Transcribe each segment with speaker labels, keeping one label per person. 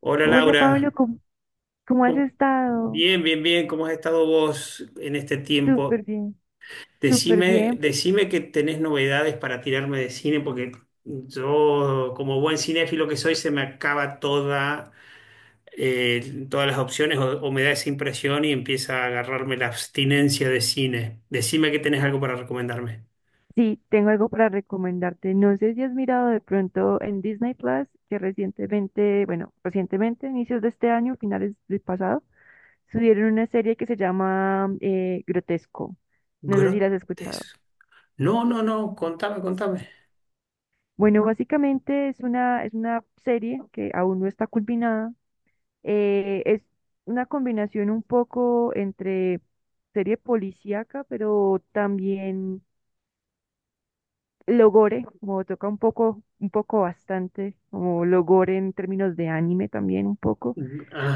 Speaker 1: Hola
Speaker 2: Hola Pablo,
Speaker 1: Laura.
Speaker 2: ¿cómo has
Speaker 1: ¿Cómo-
Speaker 2: estado?
Speaker 1: Bien, bien, bien, ¿cómo has estado vos en este tiempo?
Speaker 2: Súper bien, súper
Speaker 1: Decime,
Speaker 2: bien.
Speaker 1: decime que tenés novedades para tirarme de cine, porque yo, como buen cinéfilo que soy, se me acaba toda, todas las opciones o me da esa impresión y empieza a agarrarme la abstinencia de cine. Decime que tenés algo para recomendarme.
Speaker 2: Sí, tengo algo para recomendarte. No sé si has mirado de pronto en Disney Plus, que recientemente, bueno, recientemente, inicios de este año, finales del pasado, subieron una serie que se llama Grotesco. No sé si la has escuchado.
Speaker 1: Grotesco. No, no, no, contame, contame.
Speaker 2: Bueno, básicamente es una serie que aún no está culminada. Es una combinación un poco entre serie policíaca, pero también Logore, como toca un poco bastante, como Logore en términos de anime también un poco.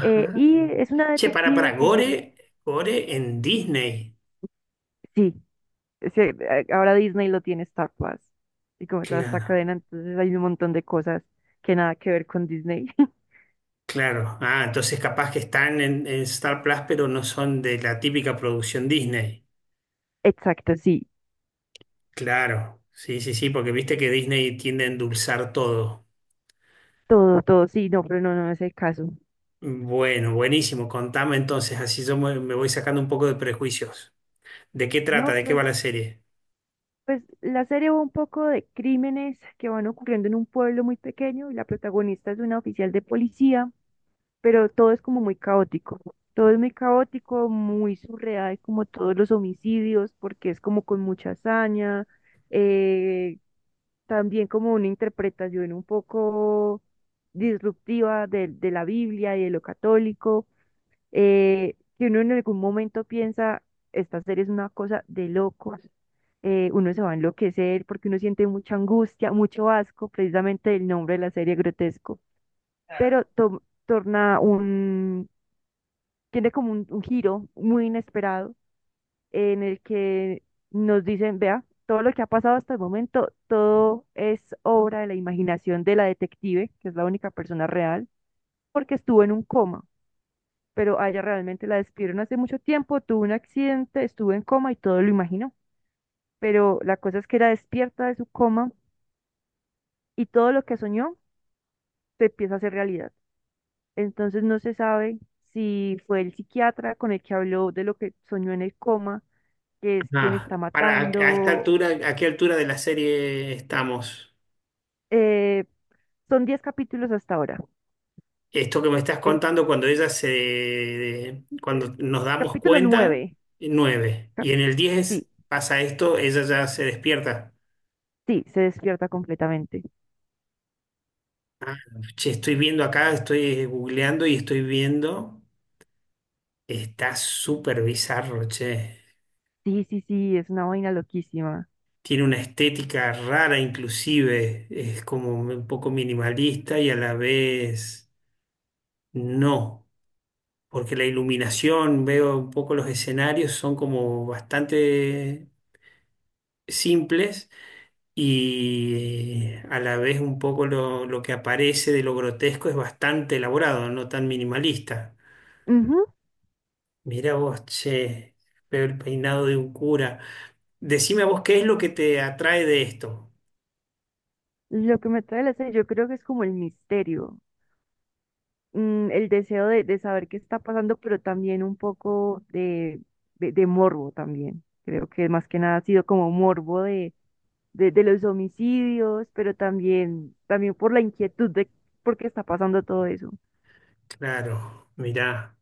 Speaker 2: Y es una
Speaker 1: Che, para,
Speaker 2: detective que
Speaker 1: Gore, Gore en Disney.
Speaker 2: sí, ahora Disney lo tiene Star Plus y como toda esta
Speaker 1: Claro.
Speaker 2: cadena, entonces hay un montón de cosas que nada que ver con Disney.
Speaker 1: Claro. Ah, entonces capaz que están en Star Plus, pero no son de la típica producción Disney.
Speaker 2: Exacto, sí,
Speaker 1: Claro. Sí, sí, sí, porque viste que Disney tiende a endulzar todo.
Speaker 2: todo, todo, sí, no, pero no, no es el caso.
Speaker 1: Bueno, buenísimo. Contame entonces, así yo me voy sacando un poco de prejuicios. ¿De qué trata?
Speaker 2: No,
Speaker 1: ¿De qué va
Speaker 2: pues,
Speaker 1: la serie?
Speaker 2: pues la serie va un poco de crímenes que van ocurriendo en un pueblo muy pequeño y la protagonista es una oficial de policía, pero todo es como muy caótico. Todo es muy caótico, muy surreal, como todos los homicidios, porque es como con mucha hazaña, eh, también como una interpretación un poco disruptiva de la Biblia y de lo católico, que uno en algún momento piensa, esta serie es una cosa de locos, uno se va a enloquecer porque uno siente mucha angustia, mucho asco, precisamente el nombre de la serie grotesco, pero
Speaker 1: Claro.
Speaker 2: torna un tiene como un giro muy inesperado en el que nos dicen, vea, todo lo que ha pasado hasta el momento, todo es obra de la imaginación de la detective, que es la única persona real, porque estuvo en un coma, pero a ella realmente la despidieron hace mucho tiempo, tuvo un accidente, estuvo en coma y todo lo imaginó. Pero la cosa es que era despierta de su coma y todo lo que soñó se empieza a hacer realidad. Entonces no se sabe si fue el psiquiatra con el que habló de lo que soñó en el coma que es quien
Speaker 1: Ah,
Speaker 2: está
Speaker 1: para, a esta
Speaker 2: matando.
Speaker 1: altura, ¿a qué altura de la serie estamos?
Speaker 2: Eh, Son diez capítulos hasta ahora.
Speaker 1: Esto que me estás
Speaker 2: Es
Speaker 1: contando cuando cuando nos damos
Speaker 2: capítulo
Speaker 1: cuenta,
Speaker 2: 9.
Speaker 1: nueve. Y en el
Speaker 2: Sí,
Speaker 1: diez pasa esto, ella ya se despierta.
Speaker 2: sí, se despierta completamente.
Speaker 1: Ah, che, estoy viendo acá, estoy googleando y estoy viendo. Está súper bizarro, che.
Speaker 2: Sí, sí, sí, es una vaina loquísima.
Speaker 1: Tiene una estética rara inclusive. Es como un poco minimalista y a la vez no. Porque la iluminación, veo un poco los escenarios, son como bastante simples y a la vez un poco lo que aparece de lo grotesco es bastante elaborado, no tan minimalista.
Speaker 2: Ujú.
Speaker 1: Mira vos, che, veo el peinado de un cura. Decime a vos qué es lo que te atrae de esto.
Speaker 2: Lo que me trae la serie, yo creo que es como el misterio, mm, el deseo de saber qué está pasando, pero también un poco de morbo también. Creo que más que nada ha sido como morbo de los homicidios, pero también, también por la inquietud de por qué está pasando todo eso.
Speaker 1: Claro, mirá,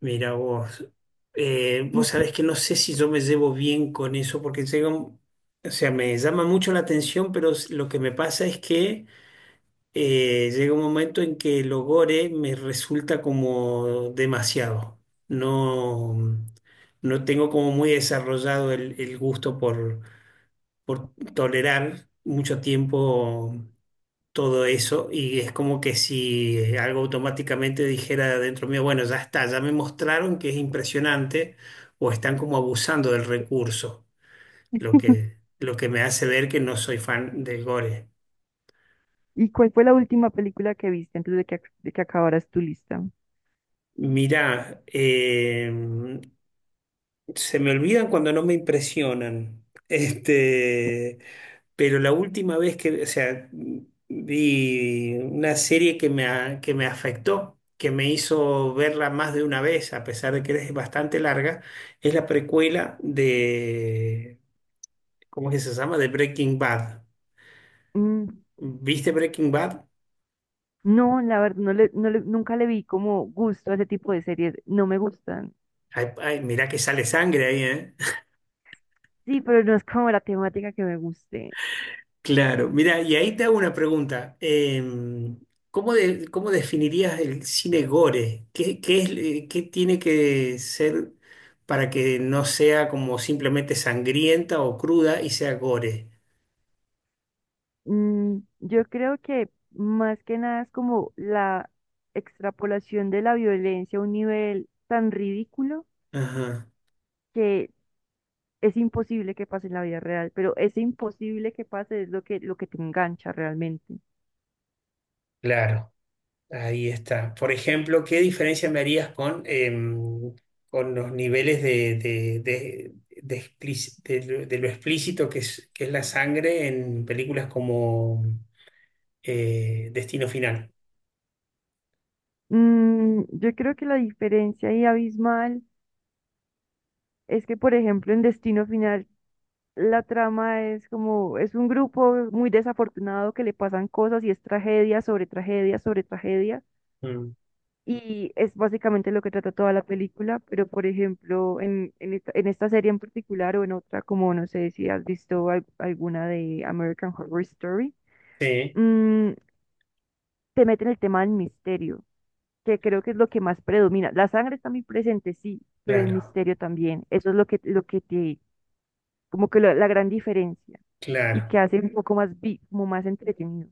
Speaker 1: mirá vos.
Speaker 2: ¿Y,
Speaker 1: Vos
Speaker 2: cu-
Speaker 1: sabés que no sé si yo me llevo bien con eso porque o sea, me llama mucho la atención, pero lo que me pasa es que llega un momento en que el ogore me resulta como demasiado. No, no tengo como muy desarrollado el gusto por tolerar mucho tiempo todo eso y es como que si algo automáticamente dijera dentro mío, bueno, ya está, ya me mostraron que es impresionante o están como abusando del recurso, lo que me hace ver que no soy fan del gore.
Speaker 2: ¿Y cuál fue la última película que viste antes de que, de que acabaras tu lista?
Speaker 1: Mira, se me olvidan cuando no me impresionan. Este, pero la última vez que, o sea, vi una serie que me afectó, que me hizo verla más de una vez, a pesar de que es bastante larga, es la precuela de, ¿cómo es que se llama? De Breaking Bad.
Speaker 2: Mm,
Speaker 1: ¿Viste Breaking Bad?
Speaker 2: no, la verdad, nunca le vi como gusto a ese tipo de series. No me gustan.
Speaker 1: Ay, ay, mirá que sale sangre ahí, ¿eh?
Speaker 2: Sí, pero no es como la temática que me guste.
Speaker 1: Claro, mira, y ahí te hago una pregunta. ¿Cómo, cómo definirías el cine gore? ¿Qué, qué es, qué tiene que ser para que no sea como simplemente sangrienta o cruda y sea gore?
Speaker 2: Mm, yo creo que más que nada es como la extrapolación de la violencia a un nivel tan ridículo
Speaker 1: Ajá,
Speaker 2: que es imposible que pase en la vida real, pero ese imposible que pase es lo que te engancha realmente.
Speaker 1: claro, ahí está. Por ejemplo, ¿qué diferencia me harías con, con los niveles de, de de lo explícito que es la sangre en películas como Destino Final?
Speaker 2: Mm, yo creo que la diferencia ahí abismal es que, por ejemplo, en Destino Final la trama es como, es un grupo muy desafortunado que le pasan cosas y es tragedia sobre tragedia sobre tragedia. Y es básicamente lo que trata toda la película, pero por ejemplo, en esta serie en particular o en otra, como no sé si has visto alguna de American Horror Story,
Speaker 1: Sí,
Speaker 2: mm, te meten el tema del misterio, que creo que es lo que más predomina. La sangre está muy presente, sí, pero el
Speaker 1: claro,
Speaker 2: misterio también. Eso es lo que te, como que la gran diferencia. Y que
Speaker 1: claro.
Speaker 2: hace un poco más, como más entretenido.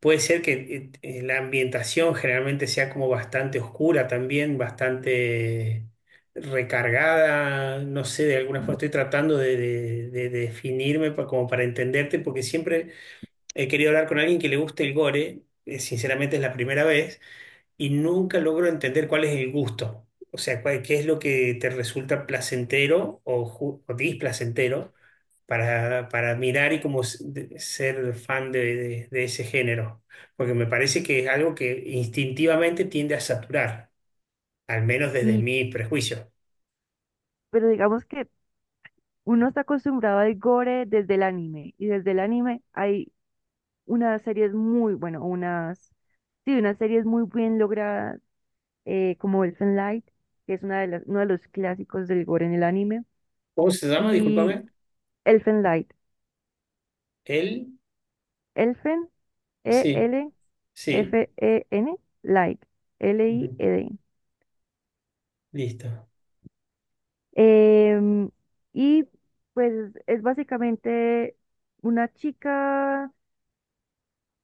Speaker 1: Puede ser que la ambientación generalmente sea como bastante oscura también, bastante recargada, no sé, de alguna forma estoy tratando de, de definirme como para entenderte, porque siempre he querido hablar con alguien que le guste el gore, sinceramente es la primera vez, y nunca logro entender cuál es el gusto. O sea, qué es lo que te resulta placentero o o displacentero para mirar y como ser fan de, de ese género. Porque me parece que es algo que instintivamente tiende a saturar, al menos desde
Speaker 2: Y,
Speaker 1: mi prejuicio.
Speaker 2: pero digamos que uno está acostumbrado al gore desde el anime, y desde el anime hay unas series muy, bueno, unas, sí, unas series muy bien logradas, como Elfen Light, que es una de las, uno de los clásicos del gore en el anime,
Speaker 1: ¿Cómo se llama?
Speaker 2: y
Speaker 1: Discúlpame.
Speaker 2: Elfen Light,
Speaker 1: Él.
Speaker 2: Elfen,
Speaker 1: Sí, sí.
Speaker 2: E-L-F-E-N, Light,
Speaker 1: Ujú.
Speaker 2: L-I-E-D.
Speaker 1: Listo.
Speaker 2: Em, y pues es básicamente una chica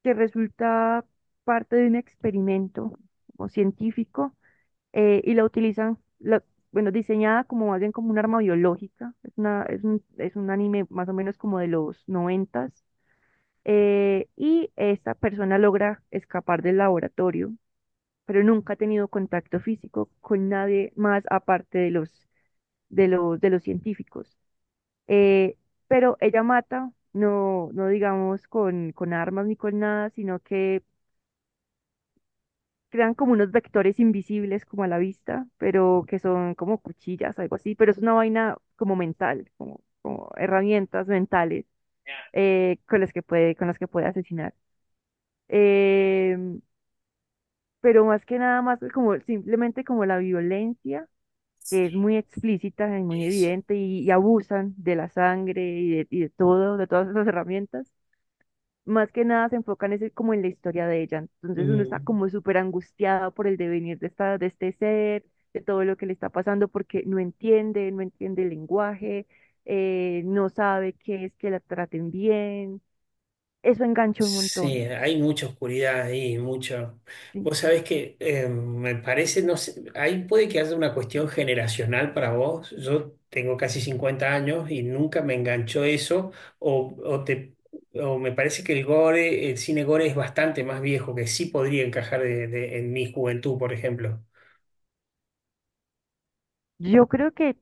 Speaker 2: que resulta parte de un experimento como científico, y la utilizan, bueno, diseñada como alguien como un arma biológica. Es un anime más o menos como de los noventas. Eh, y esta persona logra escapar del laboratorio, pero nunca ha tenido contacto físico con nadie más aparte de los científicos. Eh, pero ella mata, no, no digamos con armas ni con nada, sino que crean como unos vectores invisibles como a la vista, pero que son como cuchillas, algo así, pero es una vaina como mental, como, como herramientas mentales,
Speaker 1: Ya,
Speaker 2: con las que puede, con las que puede asesinar. Em, pero más que nada más como simplemente como la violencia, que es
Speaker 1: sí,
Speaker 2: muy explícita y muy
Speaker 1: eso.
Speaker 2: evidente, y abusan de la sangre y de todo, de todas esas herramientas más que nada se enfocan es como en la historia de ella. Entonces uno está
Speaker 1: Mm.
Speaker 2: como súper angustiado por el devenir de esta, de este ser, de todo lo que le está pasando, porque no entiende, no entiende el lenguaje, no sabe qué es que la traten bien. Eso engancha un
Speaker 1: Sí,
Speaker 2: montón.
Speaker 1: hay mucha oscuridad ahí, mucho.
Speaker 2: Sí.
Speaker 1: Vos sabés que me parece, no sé, ahí puede que haya una cuestión generacional para vos. Yo tengo casi 50 años y nunca me enganchó eso, o, o te, o me parece que el gore, el cine gore es bastante más viejo, que sí podría encajar en mi juventud, por ejemplo.
Speaker 2: Yo creo que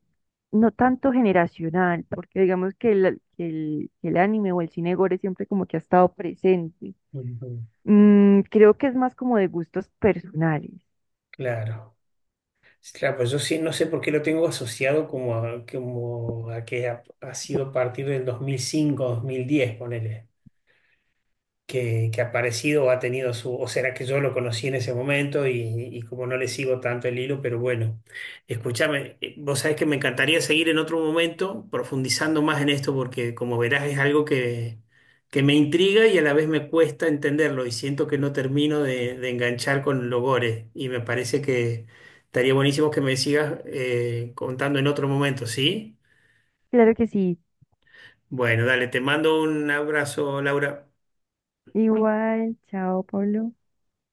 Speaker 2: no tanto generacional, porque digamos que el anime o el cine gore siempre como que ha estado presente.
Speaker 1: Ujú.
Speaker 2: Mm, creo que es más como de gustos personales.
Speaker 1: Claro. Claro, pues yo sí, no sé por qué lo tengo asociado como a, como a que ha, ha sido a partir del 2005, 2010, ponele. Que ha aparecido o ha tenido su, o será que yo lo conocí en ese momento y como no le sigo tanto el hilo, pero bueno, escúchame, vos sabés que me encantaría seguir en otro momento profundizando más en esto porque como verás es algo que me intriga y a la vez me cuesta entenderlo y siento que no termino de enganchar con los gores y me parece que estaría buenísimo que me sigas contando en otro momento, ¿sí?
Speaker 2: Claro que sí.
Speaker 1: Bueno, dale, te mando un abrazo, Laura.
Speaker 2: Igual, chao, Pablo.